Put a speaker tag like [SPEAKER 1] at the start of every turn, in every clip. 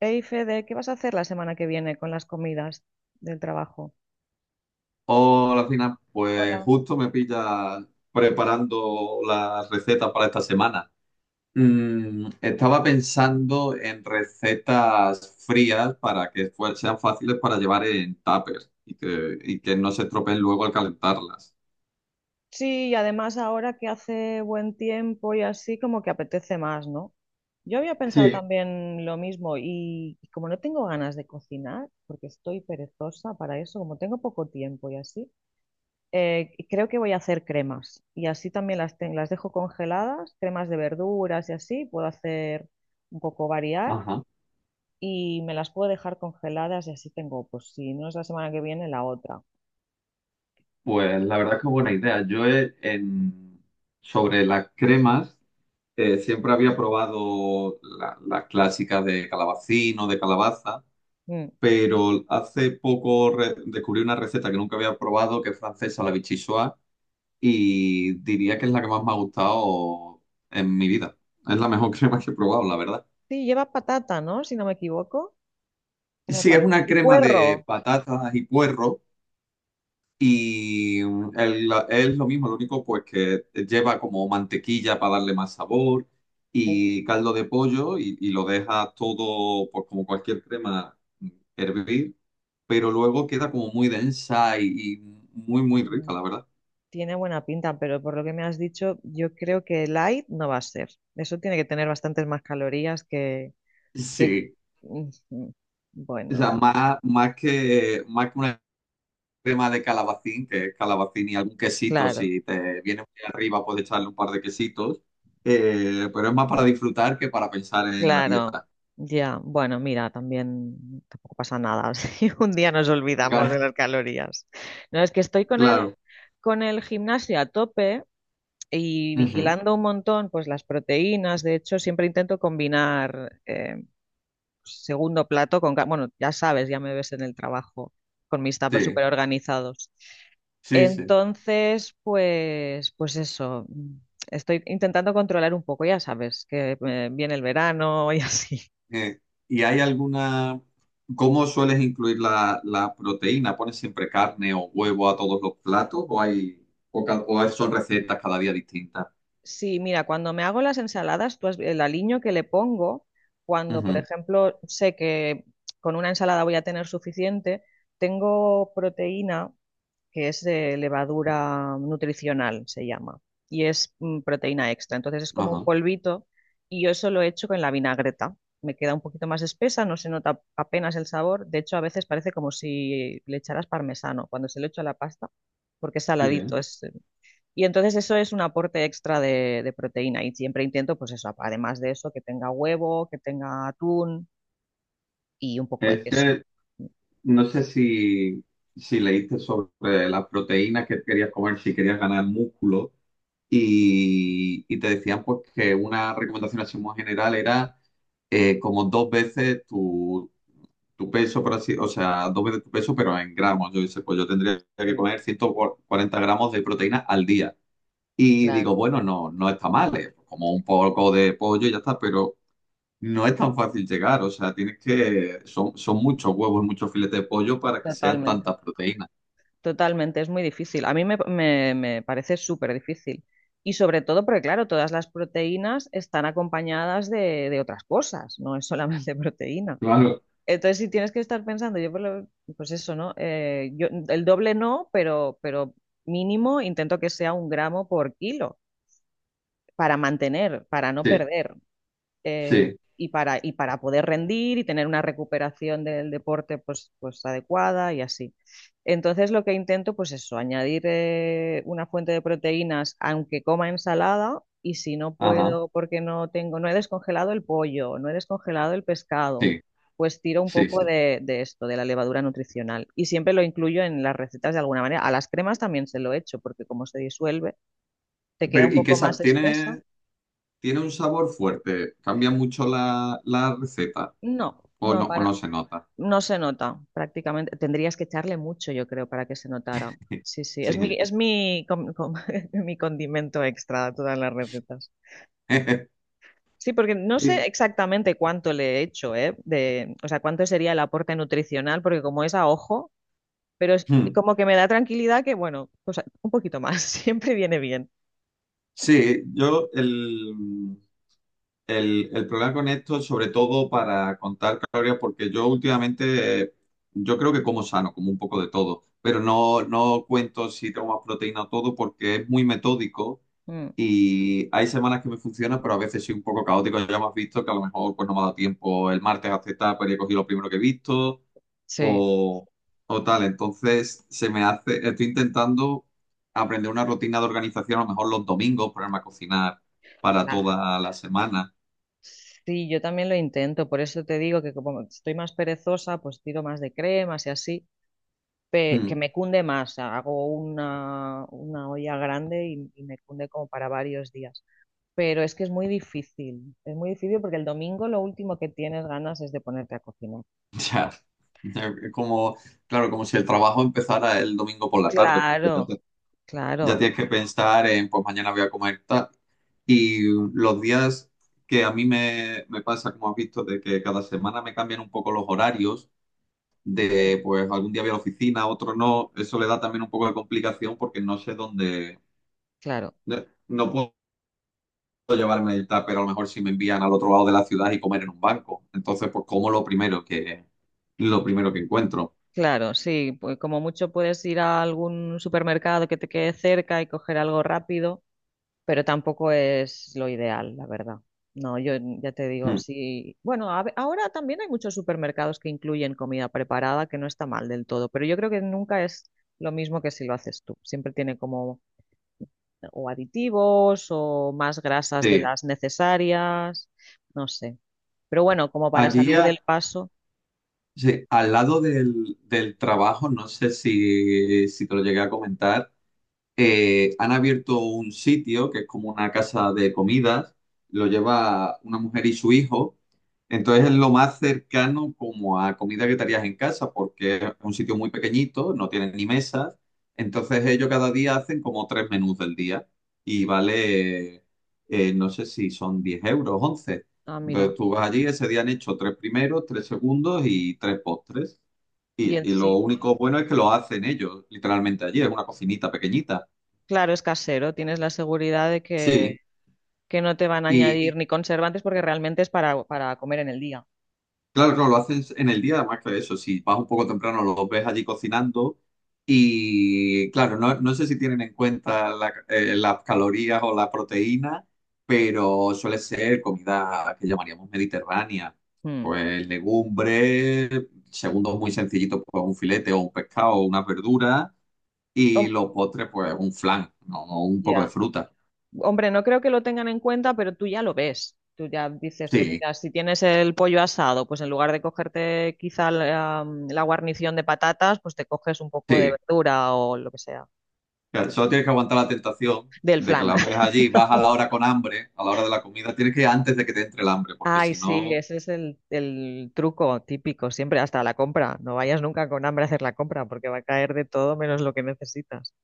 [SPEAKER 1] Hey Fede, ¿qué vas a hacer la semana que viene con las comidas del trabajo?
[SPEAKER 2] Hola, Fina. Pues
[SPEAKER 1] Hola.
[SPEAKER 2] justo me pilla preparando las recetas para esta semana. Estaba pensando en recetas frías para que sean fáciles para llevar en tupper y que no se estropeen luego al calentarlas.
[SPEAKER 1] Sí, y además ahora que hace buen tiempo y así, como que apetece más, ¿no? Yo había pensado
[SPEAKER 2] Sí.
[SPEAKER 1] también lo mismo y como no tengo ganas de cocinar, porque estoy perezosa para eso, como tengo poco tiempo y así, creo que voy a hacer cremas y así también las dejo congeladas, cremas de verduras y así, puedo hacer un poco variar
[SPEAKER 2] Ajá.
[SPEAKER 1] y me las puedo dejar congeladas y así tengo, pues si no es la semana que viene, la otra.
[SPEAKER 2] Pues la verdad es que buena idea. Sobre las cremas siempre había probado las clásicas de calabacín o de calabaza,
[SPEAKER 1] Mm.
[SPEAKER 2] pero hace poco descubrí una receta que nunca había probado, que es francesa, la vichyssoise, y diría que es la que más me ha gustado en mi vida. Es la mejor crema que he probado, la verdad.
[SPEAKER 1] Sí, lleva patata, ¿no? Si no me equivoco. Como
[SPEAKER 2] Sí, es una
[SPEAKER 1] y
[SPEAKER 2] crema de
[SPEAKER 1] puerro.
[SPEAKER 2] patatas y puerro, y es lo mismo, lo único pues que lleva como mantequilla para darle más sabor,
[SPEAKER 1] Uh,
[SPEAKER 2] y caldo de pollo, y lo dejas todo, pues como cualquier crema, hervir, pero luego queda como muy densa y muy, muy
[SPEAKER 1] mm,
[SPEAKER 2] rica, la verdad.
[SPEAKER 1] tiene buena pinta, pero por lo que me has dicho, yo creo que light no va a ser. Eso tiene que tener bastantes más calorías que...
[SPEAKER 2] Sí,
[SPEAKER 1] Ujú.
[SPEAKER 2] o sea,
[SPEAKER 1] Bueno, pues
[SPEAKER 2] más que una crema de calabacín, que es calabacín y algún quesito,
[SPEAKER 1] claro,
[SPEAKER 2] si te viene muy arriba puedes echarle un par de quesitos, pero es más para disfrutar que para pensar en la
[SPEAKER 1] claro.
[SPEAKER 2] dieta.
[SPEAKER 1] Ya, bueno, mira, también tampoco pasa nada si un día nos olvidamos
[SPEAKER 2] Claro,
[SPEAKER 1] de las calorías. No, es que estoy
[SPEAKER 2] claro.
[SPEAKER 1] con el gimnasio a tope y
[SPEAKER 2] Ujú.
[SPEAKER 1] vigilando un montón, pues las proteínas. De hecho, siempre intento combinar segundo plato bueno, ya sabes, ya me ves en el trabajo con mis tuppers
[SPEAKER 2] Sí,
[SPEAKER 1] súper organizados.
[SPEAKER 2] sí, sí.
[SPEAKER 1] Entonces, pues, pues eso. Estoy intentando controlar un poco, ya sabes, que viene el verano y así.
[SPEAKER 2] Eh, ¿y hay alguna... ¿Cómo sueles incluir la proteína? ¿Pones siempre carne o huevo a todos los platos o hay o, ca- o son recetas cada día distintas?
[SPEAKER 1] Sí, mira, cuando me hago las ensaladas, el aliño que le pongo, cuando, por
[SPEAKER 2] Ujú.
[SPEAKER 1] ejemplo, sé que con una ensalada voy a tener suficiente, tengo proteína que es de levadura nutricional, se llama, y es proteína extra. Entonces es como un
[SPEAKER 2] Ajá.
[SPEAKER 1] polvito y yo eso lo he hecho con la vinagreta. Me queda un poquito más espesa, no se nota apenas el sabor. De hecho, a veces parece como si le echaras parmesano cuando se lo echo a la pasta, porque es
[SPEAKER 2] Qué
[SPEAKER 1] saladito,
[SPEAKER 2] bien.
[SPEAKER 1] es, y entonces eso es un aporte extra de proteína y siempre intento, pues eso, además de eso, que tenga huevo, que tenga atún y un poco de
[SPEAKER 2] Es
[SPEAKER 1] queso.
[SPEAKER 2] que no sé si leíste sobre las proteínas que querías comer, si querías ganar músculo, y te decían pues que una recomendación así muy general era como dos veces tu peso, por así, o sea, dos veces tu peso, pero en gramos. Yo dice, pues yo tendría que
[SPEAKER 1] Sí,
[SPEAKER 2] comer 140 gramos de proteína al día. Y digo,
[SPEAKER 1] claro.
[SPEAKER 2] bueno, no, no está mal, como un poco de pollo y ya está, pero no es tan fácil llegar. O sea, tienes que, son muchos huevos, muchos filetes de pollo para que sean
[SPEAKER 1] Totalmente.
[SPEAKER 2] tantas proteínas.
[SPEAKER 1] Totalmente, es muy difícil. A mí me parece súper difícil. Y sobre todo porque, claro, todas las proteínas están acompañadas de otras cosas, no es solamente proteína.
[SPEAKER 2] Claro.
[SPEAKER 1] Entonces, si tienes que estar pensando, pues eso, ¿no? Yo, el doble no, pero mínimo intento que sea un gramo por kilo para mantener, para no
[SPEAKER 2] Sí,
[SPEAKER 1] perder eh,
[SPEAKER 2] sí,
[SPEAKER 1] y para poder rendir y tener una recuperación del deporte pues, pues adecuada y así. Entonces lo que intento pues eso, añadir una fuente de proteínas aunque coma ensalada y si no
[SPEAKER 2] ajá,
[SPEAKER 1] puedo porque no tengo, no he descongelado el pollo, no he descongelado el pescado,
[SPEAKER 2] sí,
[SPEAKER 1] pues tiro un
[SPEAKER 2] sí,
[SPEAKER 1] poco
[SPEAKER 2] sí.
[SPEAKER 1] de esto, de la levadura nutricional y siempre lo incluyo en las recetas de alguna manera. A las cremas también se lo echo porque como se disuelve, te queda un
[SPEAKER 2] Pero, ¿y qué
[SPEAKER 1] poco
[SPEAKER 2] sa-
[SPEAKER 1] más espesa.
[SPEAKER 2] tiene, tiene un sabor fuerte? ¿Cambia mucho la receta?
[SPEAKER 1] No, no,
[SPEAKER 2] O no
[SPEAKER 1] para
[SPEAKER 2] se nota?
[SPEAKER 1] No se nota, prácticamente. Tendrías que echarle mucho, yo creo, para que se notara. Sí, sí.
[SPEAKER 2] Sí.
[SPEAKER 1] Es mi, com- com- mi condimento extra a todas las recetas. Sí, porque no sé exactamente cuánto le he hecho, ¿eh? De, o sea, cuánto sería el aporte nutricional, porque como es a ojo, pero es
[SPEAKER 2] Hmm.
[SPEAKER 1] como que me da tranquilidad que, bueno, pues un poquito más, siempre viene bien.
[SPEAKER 2] Sí, yo el problema con esto, sobre todo para contar calorías, porque yo últimamente, yo creo que como sano, como un poco de todo, pero no, no cuento si tengo más proteína o todo porque es muy metódico,
[SPEAKER 1] Mm,
[SPEAKER 2] y hay semanas que me funciona, pero a veces soy un poco caótico. Ya me has visto que a lo mejor pues no me ha dado tiempo el martes a aceptar, pero he cogido lo primero que he visto,
[SPEAKER 1] sí,
[SPEAKER 2] o, o tal. Entonces, estoy intentando aprender una rutina de organización, a lo mejor los domingos, ponerme a cocinar para
[SPEAKER 1] claro.
[SPEAKER 2] toda la semana.
[SPEAKER 1] Sí, yo también lo intento, por eso te digo que como estoy más perezosa, pues tiro más de cremas y así. Que
[SPEAKER 2] Mm.
[SPEAKER 1] me cunde más. Hago una olla grande y me cunde como para varios días. Pero es que es muy difícil porque el domingo lo último que tienes ganas es de ponerte a cocinar.
[SPEAKER 2] Ya, ya, es como, claro, como si el trabajo empezara el domingo por la tarde, porque
[SPEAKER 1] Claro,
[SPEAKER 2] ya
[SPEAKER 1] claro,
[SPEAKER 2] tienes que pensar en, pues mañana voy a comer tal. Y los días que a mí me pasa, como has visto, de que cada semana me cambian un poco los horarios,
[SPEAKER 1] un-
[SPEAKER 2] de pues algún día voy a la oficina, otro no, eso le da también un poco de complicación porque no sé dónde,
[SPEAKER 1] claro,
[SPEAKER 2] no puedo llevarme el tupper a lo mejor si me envían al otro lado de la ciudad y comer en un banco. Entonces, pues como lo primero que encuentro.
[SPEAKER 1] claro, sí, pues como mucho puedes ir a algún supermercado que te quede cerca y coger algo rápido pero tampoco es lo ideal, la verdad. No, yo ya te digo,
[SPEAKER 2] Mm.
[SPEAKER 1] sí. Bueno, ahora también hay muchos supermercados que incluyen comida preparada, que no está mal del todo, pero yo creo que nunca es lo mismo que si lo haces tú. Siempre tiene como o aditivos o más grasas de
[SPEAKER 2] Sí,
[SPEAKER 1] las necesarias, no sé. Pero bueno, como para
[SPEAKER 2] allí
[SPEAKER 1] salir
[SPEAKER 2] a-
[SPEAKER 1] del paso,
[SPEAKER 2] sí, al lado del trabajo, no sé si te lo llegué a comentar, han abierto un sitio que es como una casa de comidas, lo lleva una mujer y su hijo, entonces es lo más cercano como a comida que te harías en casa, porque es un sitio muy pequeñito, no tienen ni mesas, entonces ellos cada día hacen como tres menús del día y vale, no sé si son 10 euros, 11.
[SPEAKER 1] ah,
[SPEAKER 2] Entonces
[SPEAKER 1] mira.
[SPEAKER 2] tú vas allí, ese día han hecho tres primeros, tres segundos y tres postres.
[SPEAKER 1] Y
[SPEAKER 2] Y lo
[SPEAKER 1] encima,
[SPEAKER 2] único bueno es que lo hacen ellos, literalmente allí, es una cocinita pequeñita.
[SPEAKER 1] claro, es casero, tienes la seguridad de
[SPEAKER 2] Sí,
[SPEAKER 1] que no te van a
[SPEAKER 2] y
[SPEAKER 1] añadir ni conservantes porque realmente es para comer en el día.
[SPEAKER 2] claro, claro, lo haces en el día, además que eso, si vas un poco temprano, los ves allí cocinando, y claro, no, no sé si tienen en cuenta las calorías o la proteína, pero suele ser comida que llamaríamos mediterránea,
[SPEAKER 1] Mm.
[SPEAKER 2] pues legumbres, segundos muy sencillitos, pues un filete o un pescado o unas verduras, y los postres, pues un flan, ¿no? O un poco de
[SPEAKER 1] Ya.
[SPEAKER 2] fruta.
[SPEAKER 1] Hombre, no creo que lo tengan en cuenta, pero tú ya lo ves. Tú ya dices, pues
[SPEAKER 2] Sí,
[SPEAKER 1] mira, si tienes el pollo asado, pues en lugar de cogerte quizá la, la guarnición de patatas, pues te coges un poco de
[SPEAKER 2] sí.
[SPEAKER 1] verdura o lo que sea,
[SPEAKER 2] Claro, solo tienes que aguantar la tentación
[SPEAKER 1] del
[SPEAKER 2] de que
[SPEAKER 1] flan.
[SPEAKER 2] las ves allí, vas a la hora con hambre, a la hora de la comida, tienes que ir antes de que te entre el hambre, porque
[SPEAKER 1] Ay,
[SPEAKER 2] si
[SPEAKER 1] sí,
[SPEAKER 2] no,
[SPEAKER 1] ese es el truco típico, siempre hasta la compra. No vayas nunca con hambre a hacer la compra porque va a caer de todo menos lo que necesitas.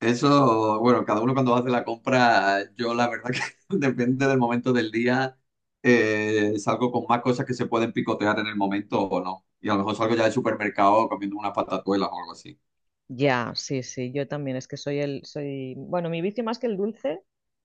[SPEAKER 2] eso, bueno, cada uno cuando hace la compra, yo la verdad que depende del momento del día, salgo con más cosas que se pueden picotear en el momento o no. Y a lo mejor salgo ya del supermercado comiendo unas patatuelas o algo así.
[SPEAKER 1] Ya, sí, sí, yo también es que soy el, soy, bueno, mi vicio más que el dulce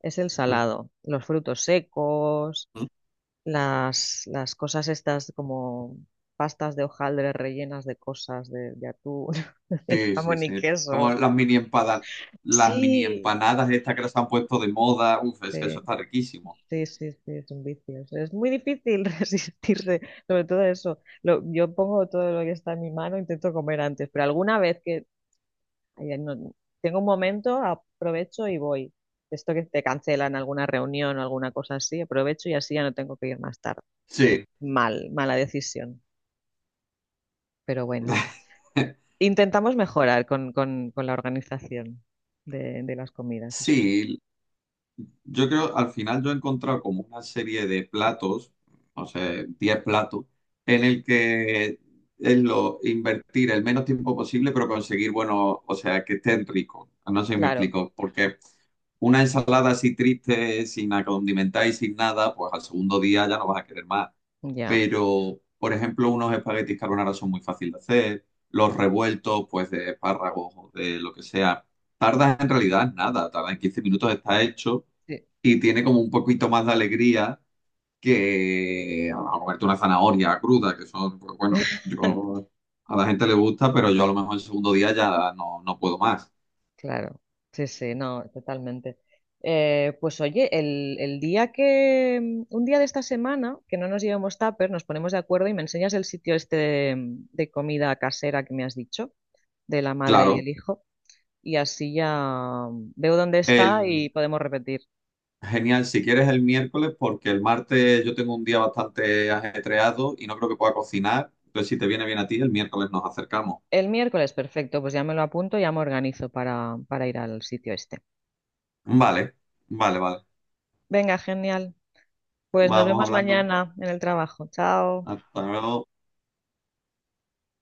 [SPEAKER 1] es el
[SPEAKER 2] Ujú.
[SPEAKER 1] salado, los frutos secos. Las las cosas estas como pastas de hojaldre rellenas de cosas, de atún, de
[SPEAKER 2] Sí, sí,
[SPEAKER 1] jamón y
[SPEAKER 2] sí. Como
[SPEAKER 1] queso.
[SPEAKER 2] las mini
[SPEAKER 1] Sí,
[SPEAKER 2] empanadas estas que las han puesto de moda, uf, es que eso
[SPEAKER 1] sí,
[SPEAKER 2] está riquísimo.
[SPEAKER 1] sí, sí, sí, es un vicio. Es muy difícil resistirse, sobre todo eso. Yo pongo todo lo que está en mi mano, intento comer antes, pero alguna vez que ay, no- tengo un momento, aprovecho y voy. Esto que te cancelan alguna reunión o alguna cosa así, aprovecho y así ya no tengo que ir más tarde.
[SPEAKER 2] Sí.
[SPEAKER 1] Mal, mala decisión, pero bueno. Intentamos mejorar con la organización de las comidas, eso sí.
[SPEAKER 2] Sí, yo creo, al final yo he encontrado como una serie de platos, no sé, 10 platos, en el que es lo invertir el menos tiempo posible, pero conseguir, bueno, o sea, que estén ricos. No sé si me
[SPEAKER 1] Claro,
[SPEAKER 2] explico, porque una ensalada así triste, sin acondimentar y sin nada, pues al segundo día ya no vas a querer más.
[SPEAKER 1] ya.
[SPEAKER 2] Pero, por ejemplo, unos espaguetis carbonara son muy fáciles de hacer, los revueltos, pues de espárragos o de lo que sea. Tardas en realidad en nada, tarda en 15 minutos, está hecho,
[SPEAKER 1] Sí.
[SPEAKER 2] y tiene como un poquito más de alegría que a comerte una zanahoria cruda, que son, pues, bueno, yo, a la gente le gusta, pero yo a lo mejor el segundo día ya no, no puedo más.
[SPEAKER 1] Claro, sí, sí, no, totalmente. Pues oye, el día que, un día de esta semana, que no nos llevemos tupper, nos ponemos de acuerdo y me enseñas el sitio este de comida casera que me has dicho, de la madre y
[SPEAKER 2] Claro.
[SPEAKER 1] el hijo, y así ya veo dónde está y
[SPEAKER 2] El,
[SPEAKER 1] podemos repetir.
[SPEAKER 2] Genial, si quieres el miércoles, porque el martes yo tengo un día bastante ajetreado y no creo que pueda cocinar. Entonces, si te viene bien a ti, el miércoles nos acercamos.
[SPEAKER 1] El miércoles, perfecto, pues ya me lo apunto, ya me organizo para ir al sitio este.
[SPEAKER 2] Vale, vale, vale.
[SPEAKER 1] Venga, genial. Pues nos
[SPEAKER 2] Vamos
[SPEAKER 1] vemos
[SPEAKER 2] hablando.
[SPEAKER 1] mañana en el trabajo. Chao.
[SPEAKER 2] Hasta luego.